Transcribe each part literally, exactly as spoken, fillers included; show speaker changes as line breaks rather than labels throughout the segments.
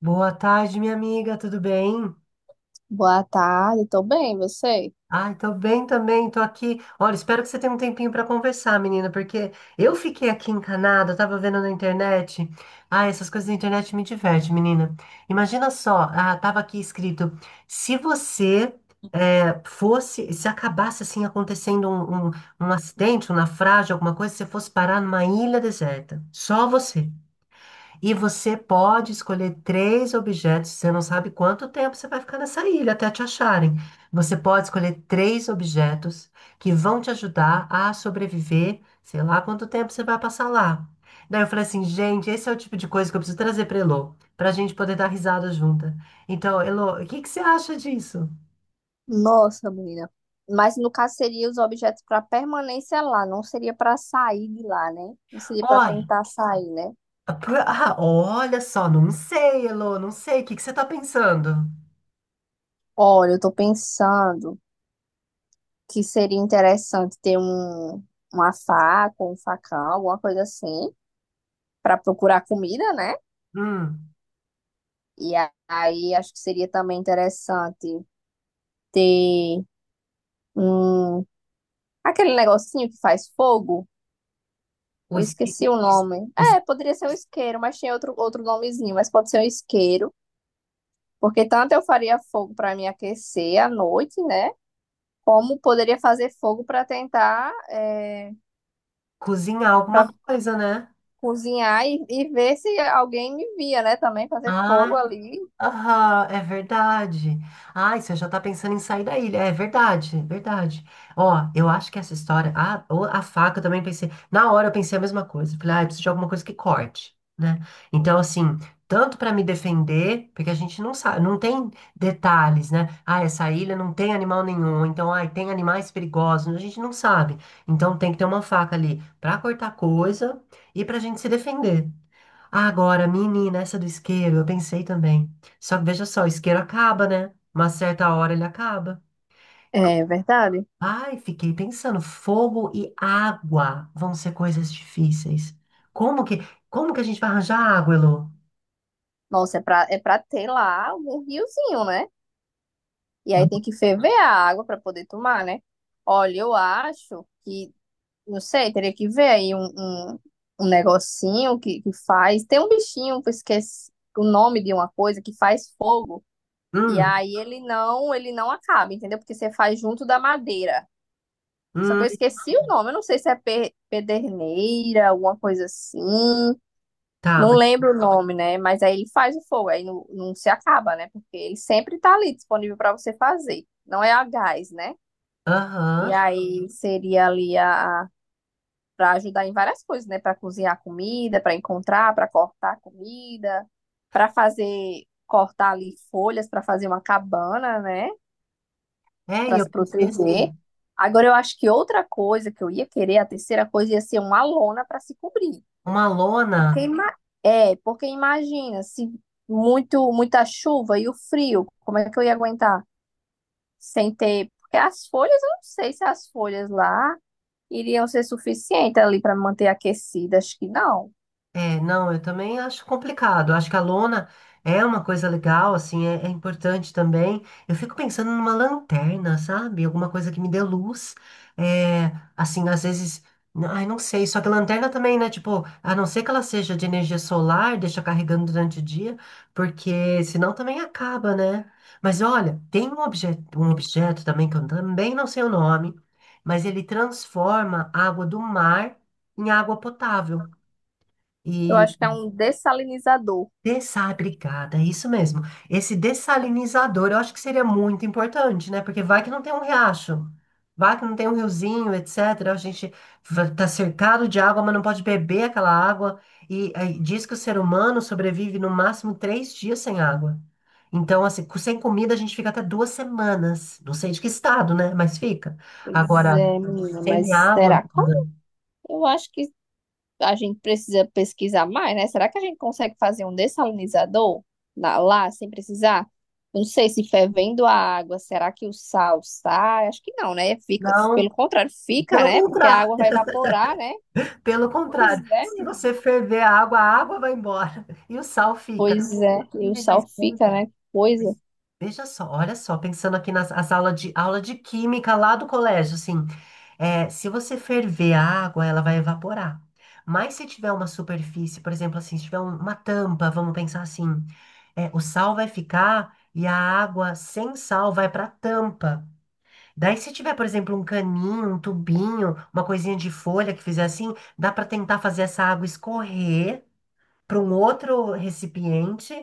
Boa tarde, minha amiga, tudo bem?
Boa tarde, tô bem, você?
Ai, tô bem também, tô aqui. Olha, espero que você tenha um tempinho pra conversar, menina, porque eu fiquei aqui encanada, eu tava vendo na internet. Ai, essas coisas da internet me divertem, menina. Imagina só, ah, tava aqui escrito: se você eh, fosse, se acabasse assim acontecendo um, um, um acidente, um naufrágio, alguma coisa, você fosse parar numa ilha deserta, só você. E você pode escolher três objetos. Você não sabe quanto tempo você vai ficar nessa ilha até te acharem. Você pode escolher três objetos que vão te ajudar a sobreviver, sei lá quanto tempo você vai passar lá. Daí eu falei assim, gente, esse é o tipo de coisa que eu preciso trazer para Elô, para a gente poder dar risada junta. Então, Elô, o que que você acha disso?
Nossa, menina. Mas no caso seria os objetos para permanência lá, não seria para sair de lá, né? Não seria para
Olha,
tentar sair, né?
pr- ah, olha só, não sei, Elô, não sei. O que que você está pensando?
Olha, eu tô pensando que seria interessante ter um, uma faca, um facão, alguma coisa assim, para procurar comida, né?
Hum,
E a- aí acho que seria também interessante ter um, aquele negocinho que faz fogo.
o
Eu
esqui-
esqueci o nome.
o es-
É, poderia ser um isqueiro, mas tinha outro, outro nomezinho, mas pode ser um isqueiro, porque tanto eu faria fogo para me aquecer à noite, né? Como poderia fazer fogo para tentar é,
cozinhar
para
alguma coisa, né?
cozinhar e, e ver se alguém me via, né? Também fazer
Ah,
fogo ali.
aham, é verdade. Ai, você já tá pensando em sair da ilha. É verdade, é verdade. Ó, eu acho que essa história. A, o- a faca eu também pensei. Na hora eu pensei a mesma coisa. Falei, ah, eu preciso de alguma coisa que corte, né? Então, assim, tanto pra me defender, porque a gente não sabe, não tem detalhes, né? Ah, essa ilha não tem animal nenhum. Então, ai, tem animais perigosos. A gente não sabe. Então, tem que ter uma faca ali pra cortar coisa e pra gente se defender. Ah, agora, menina, essa do isqueiro, eu pensei também. Só que veja só, o isqueiro acaba, né? Uma certa hora ele acaba.
É verdade.
Ai, fiquei pensando, fogo e água vão ser coisas difíceis. Como que, como que a gente vai arranjar água, Elô?
Nossa, é para é para ter lá algum riozinho, né? E aí tem que ferver a água para poder tomar, né? Olha, eu acho que não sei, teria que ver aí um, um, um negocinho que, que faz. Tem um bichinho que eu esqueci o nome de uma coisa que faz fogo. E
Hum,
aí ele não, ele não acaba, entendeu? Porque você faz junto da madeira. Só que
hum,
eu esqueci o nome. Eu não sei se é pe- pederneira, alguma coisa assim.
tá,
Não
mas,
lembro o nome, né? Mas aí ele faz o fogo, aí não, não se acaba, né? Porque ele sempre tá ali disponível para você fazer. Não é a gás, né? E
aham.
aí seria ali a, a para ajudar em várias coisas, né? Para cozinhar comida, para encontrar, para cortar comida, para fazer cortar ali folhas para fazer uma cabana, né?
É, e
Para se
eu pensei
proteger.
assim,
Agora eu acho que outra coisa que eu ia querer, a terceira coisa ia ser uma lona para se cobrir.
uma lona.
Porque ima- é, porque imagina se muito muita chuva e o frio, como é que eu ia aguentar sem ter? Porque as folhas, eu não sei se as folhas lá iriam ser suficientes ali para manter aquecida, acho que não.
É, não, eu também acho complicado. Acho que a lona é uma coisa legal, assim, é, é importante também. Eu fico pensando numa lanterna, sabe? Alguma coisa que me dê luz. É, assim, às vezes, n- ai, não sei. Só que lanterna também, né? Tipo, a não ser que ela seja de energia solar, deixa carregando durante o dia, porque senão também acaba, né? Mas olha, tem um objeto, um objeto também que eu também não sei o nome, mas ele transforma a água do mar em água potável.
Eu
e
acho que é um dessalinizador.
Dessá, obrigada, é isso mesmo. Esse dessalinizador eu acho que seria muito importante, né? Porque vai que não tem um riacho, vai que não tem um riozinho, etcétera. A gente va- tá cercado de água, mas não pode beber aquela água. E aí, diz que o ser humano sobrevive no máximo três dias sem água. Então, assim, co- sem comida a gente fica até duas semanas. Não sei de que estado, né? Mas fica.
Pois
Agora,
é, menina,
sem
mas
água,
será como?
menina,
Eu acho que a gente precisa pesquisar mais, né? Será que a gente consegue fazer um dessalinizador na- lá sem precisar? Não sei se fervendo a água, será que o sal sai? Acho que não, né? Fica, pelo
não.
contrário, fica,
Pelo
né? Porque a
contrário.
água vai evaporar, né?
Pelo
Pois
contrário,
é,
se
menina.
você ferver a água, a água vai embora e o sal fica.
Pois é, e o
Ai, mas,
sal fica,
Ana,
né? Que coisa.
mas veja só, olha só, pensando aqui nas as aulas de, aula de química lá do colégio, assim, é, se você ferver a água, ela vai evaporar. Mas se tiver uma superfície, por exemplo, assim, se tiver um- uma tampa, vamos pensar assim, é, o sal vai ficar e a água sem sal vai para a tampa. Daí, se tiver, por exemplo, um caninho, um tubinho, uma coisinha de folha que fizer assim, dá para tentar fazer essa água escorrer para um outro recipiente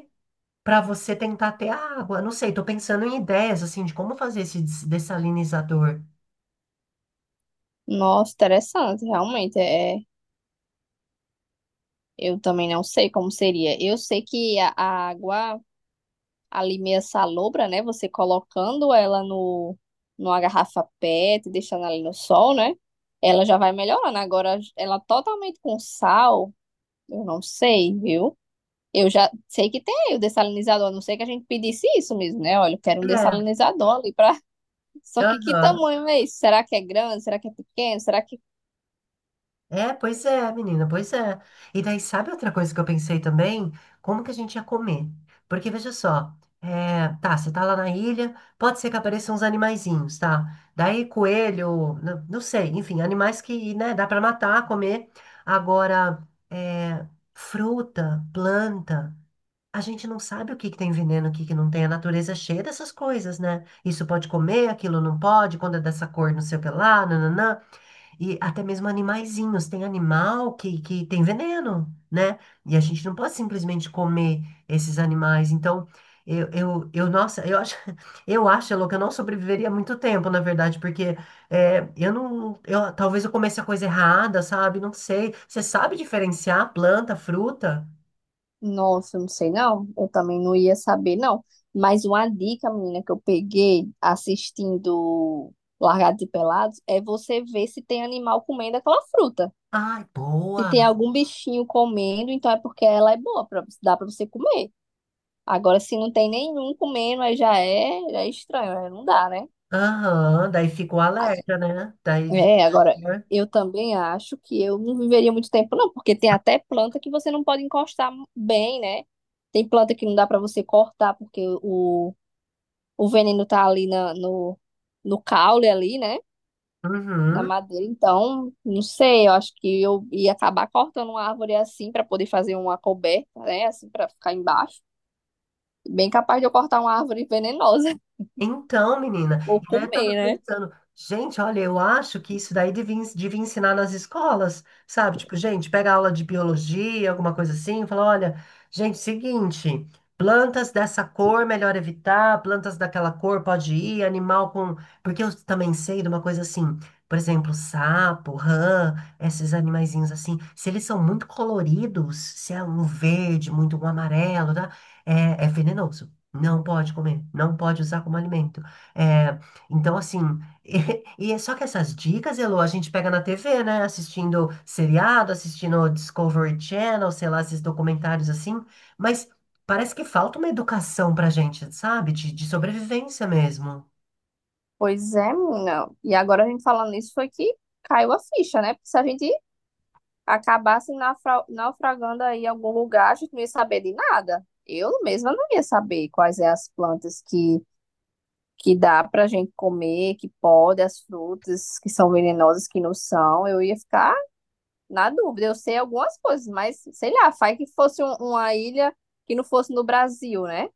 para você tentar ter a água. Não sei, tô pensando em ideias assim de como fazer esse des- dessalinizador.
Nossa, interessante, realmente. É, eu também não sei como seria. Eu sei que a a água ali meio salobra, né? Você colocando ela no, numa garrafa PET, deixando ali no sol, né? Ela já vai melhorando. Agora, ela totalmente com sal, eu não sei, viu? Eu já sei que tem o dessalinizador, a não sei que a gente pedisse isso mesmo, né? Olha, eu quero um
É,
dessalinizador ali pra. Só que que
aham.
tamanho é isso? Será que é grande? Será que é pequeno? Será que.
É, pois é, menina, pois é. E daí, sabe outra coisa que eu pensei também? Como que a gente ia comer? Porque veja só, é, tá, você tá lá na ilha, pode ser que apareçam uns animaizinhos, tá? Daí, coelho, n- não, sei, enfim, animais que, né, dá pra matar, comer. Agora, é, fruta, planta, a gente não sabe o que que tem veneno, o que que não tem. A natureza é cheia dessas coisas, né? Isso pode comer, aquilo não pode, quando é dessa cor, não sei o que lá, nananã. E até mesmo animaizinhos. Tem animal que, que tem veneno, né? E a gente não pode simplesmente comer esses animais. Então, eu, eu, eu nossa, eu acho, eu acho, Elô, que eu não sobreviveria muito tempo, na verdade, porque é, eu não, eu, talvez eu comesse a coisa errada, sabe? Não sei. Você sabe diferenciar planta, fruta?
Nossa, eu não sei não. Eu também não ia saber, não. Mas uma dica, menina, que eu peguei assistindo Largados e Pelados é você ver se tem animal comendo aquela fruta.
Ai,
Se
boa.
tem algum bichinho comendo, então é porque ela é boa, pra, dá pra você comer. Agora, se não tem nenhum comendo, aí já é, já é estranho, aí não dá, né?
Aham, daí fica o alerta, né? Daí.
É, agora,
Né?
eu também acho que eu não viveria muito tempo, não, porque tem até planta que você não pode encostar bem, né? Tem planta que não dá pra você cortar porque o o veneno tá ali na- no, no caule ali, né? Na
Uhum.
madeira. Então, não sei, eu acho que eu ia acabar cortando uma árvore assim para poder fazer uma coberta, né? Assim, para ficar embaixo. Bem capaz de eu cortar uma árvore venenosa
Então, menina,
ou
e daí eu tava
comer, né?
pensando, gente, olha, eu acho que isso daí devia, ens- devia ensinar nas escolas, sabe? Tipo, gente, pega aula de biologia, alguma coisa assim, e fala, olha, gente, seguinte, plantas dessa cor melhor evitar, plantas daquela cor pode ir, animal com... Porque eu também sei de uma coisa assim, por exemplo, sapo, rã, esses animaizinhos assim, se eles são muito coloridos, se é um verde, muito um amarelo, tá? É, é venenoso. Não pode comer, não pode usar como alimento. É, então, assim, e, e é só que essas dicas, Elô, a gente pega na T V, né? Assistindo seriado, assistindo Discovery Channel, sei lá, esses documentários assim, mas parece que falta uma educação pra gente, sabe? De, de sobrevivência mesmo.
Pois é, menina. E agora a gente falando nisso foi que caiu a ficha, né? Porque se a gente acabasse naufra- naufragando aí em algum lugar, a gente não ia saber de nada. Eu mesma não ia saber quais é as plantas que que dá pra gente comer, que pode, as frutas que são venenosas, que não são, eu ia ficar na dúvida. Eu sei algumas coisas, mas sei lá, faz que fosse um- uma ilha que não fosse no Brasil, né?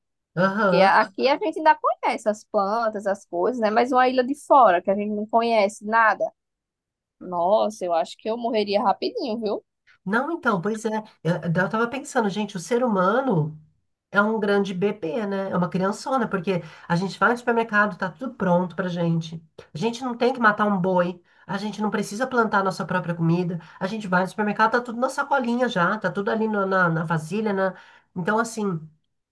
Porque aqui a gente ainda conhece as plantas, as coisas, né? Mas uma ilha de fora, que a gente não conhece nada. Nossa, eu acho que eu morreria rapidinho, viu?
Não, então, pois é. Eu, eu tava pensando, gente, o ser humano é um grande bebê, né? É uma criançona, porque a gente vai no supermercado, tá tudo pronto pra gente. A gente não tem que matar um boi, a gente não precisa plantar nossa própria comida. A gente vai no supermercado, tá tudo na sacolinha já, tá tudo ali na, na, na vasilha, né? Então, assim,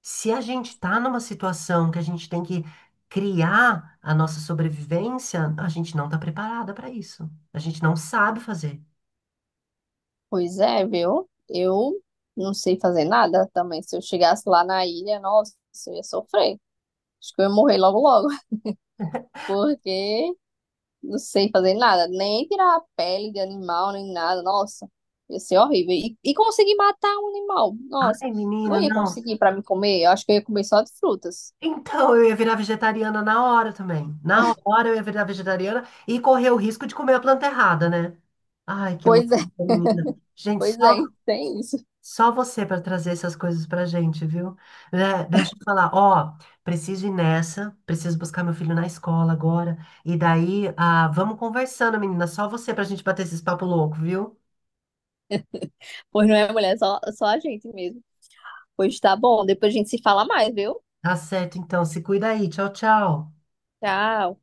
se a gente tá numa situação que a gente tem que criar a nossa sobrevivência, a gente não tá preparada pra isso. A gente não sabe fazer.
Pois é, viu? Eu não sei fazer nada também. Se eu chegasse lá na ilha, nossa, eu ia sofrer. Acho que eu ia morrer logo logo, porque não sei fazer nada, nem tirar a pele de animal, nem nada. Nossa, ia ser horrível. E, e conseguir matar um animal. Nossa,
Ai,
não
menina,
ia
não.
conseguir para me comer. Eu acho que eu ia comer só de frutas.
Então, eu ia virar vegetariana na hora também. Na hora eu ia virar vegetariana e correr o risco de comer a planta errada, né? Ai, que
Pois
loucura,
é,
menina. Gente,
pois
só,
é, tem isso.
só você para trazer essas coisas pra gente, viu? Né? Deixa eu falar, ó, preciso ir nessa, preciso buscar meu filho na escola agora. E daí, ah, vamos conversando, menina. Só você pra gente bater esses papo louco, viu?
Pois não é, mulher, só, só a gente mesmo. Pois tá bom, depois a gente se fala mais, viu?
Tá certo, então. Se cuida aí. Tchau, tchau.
Tchau.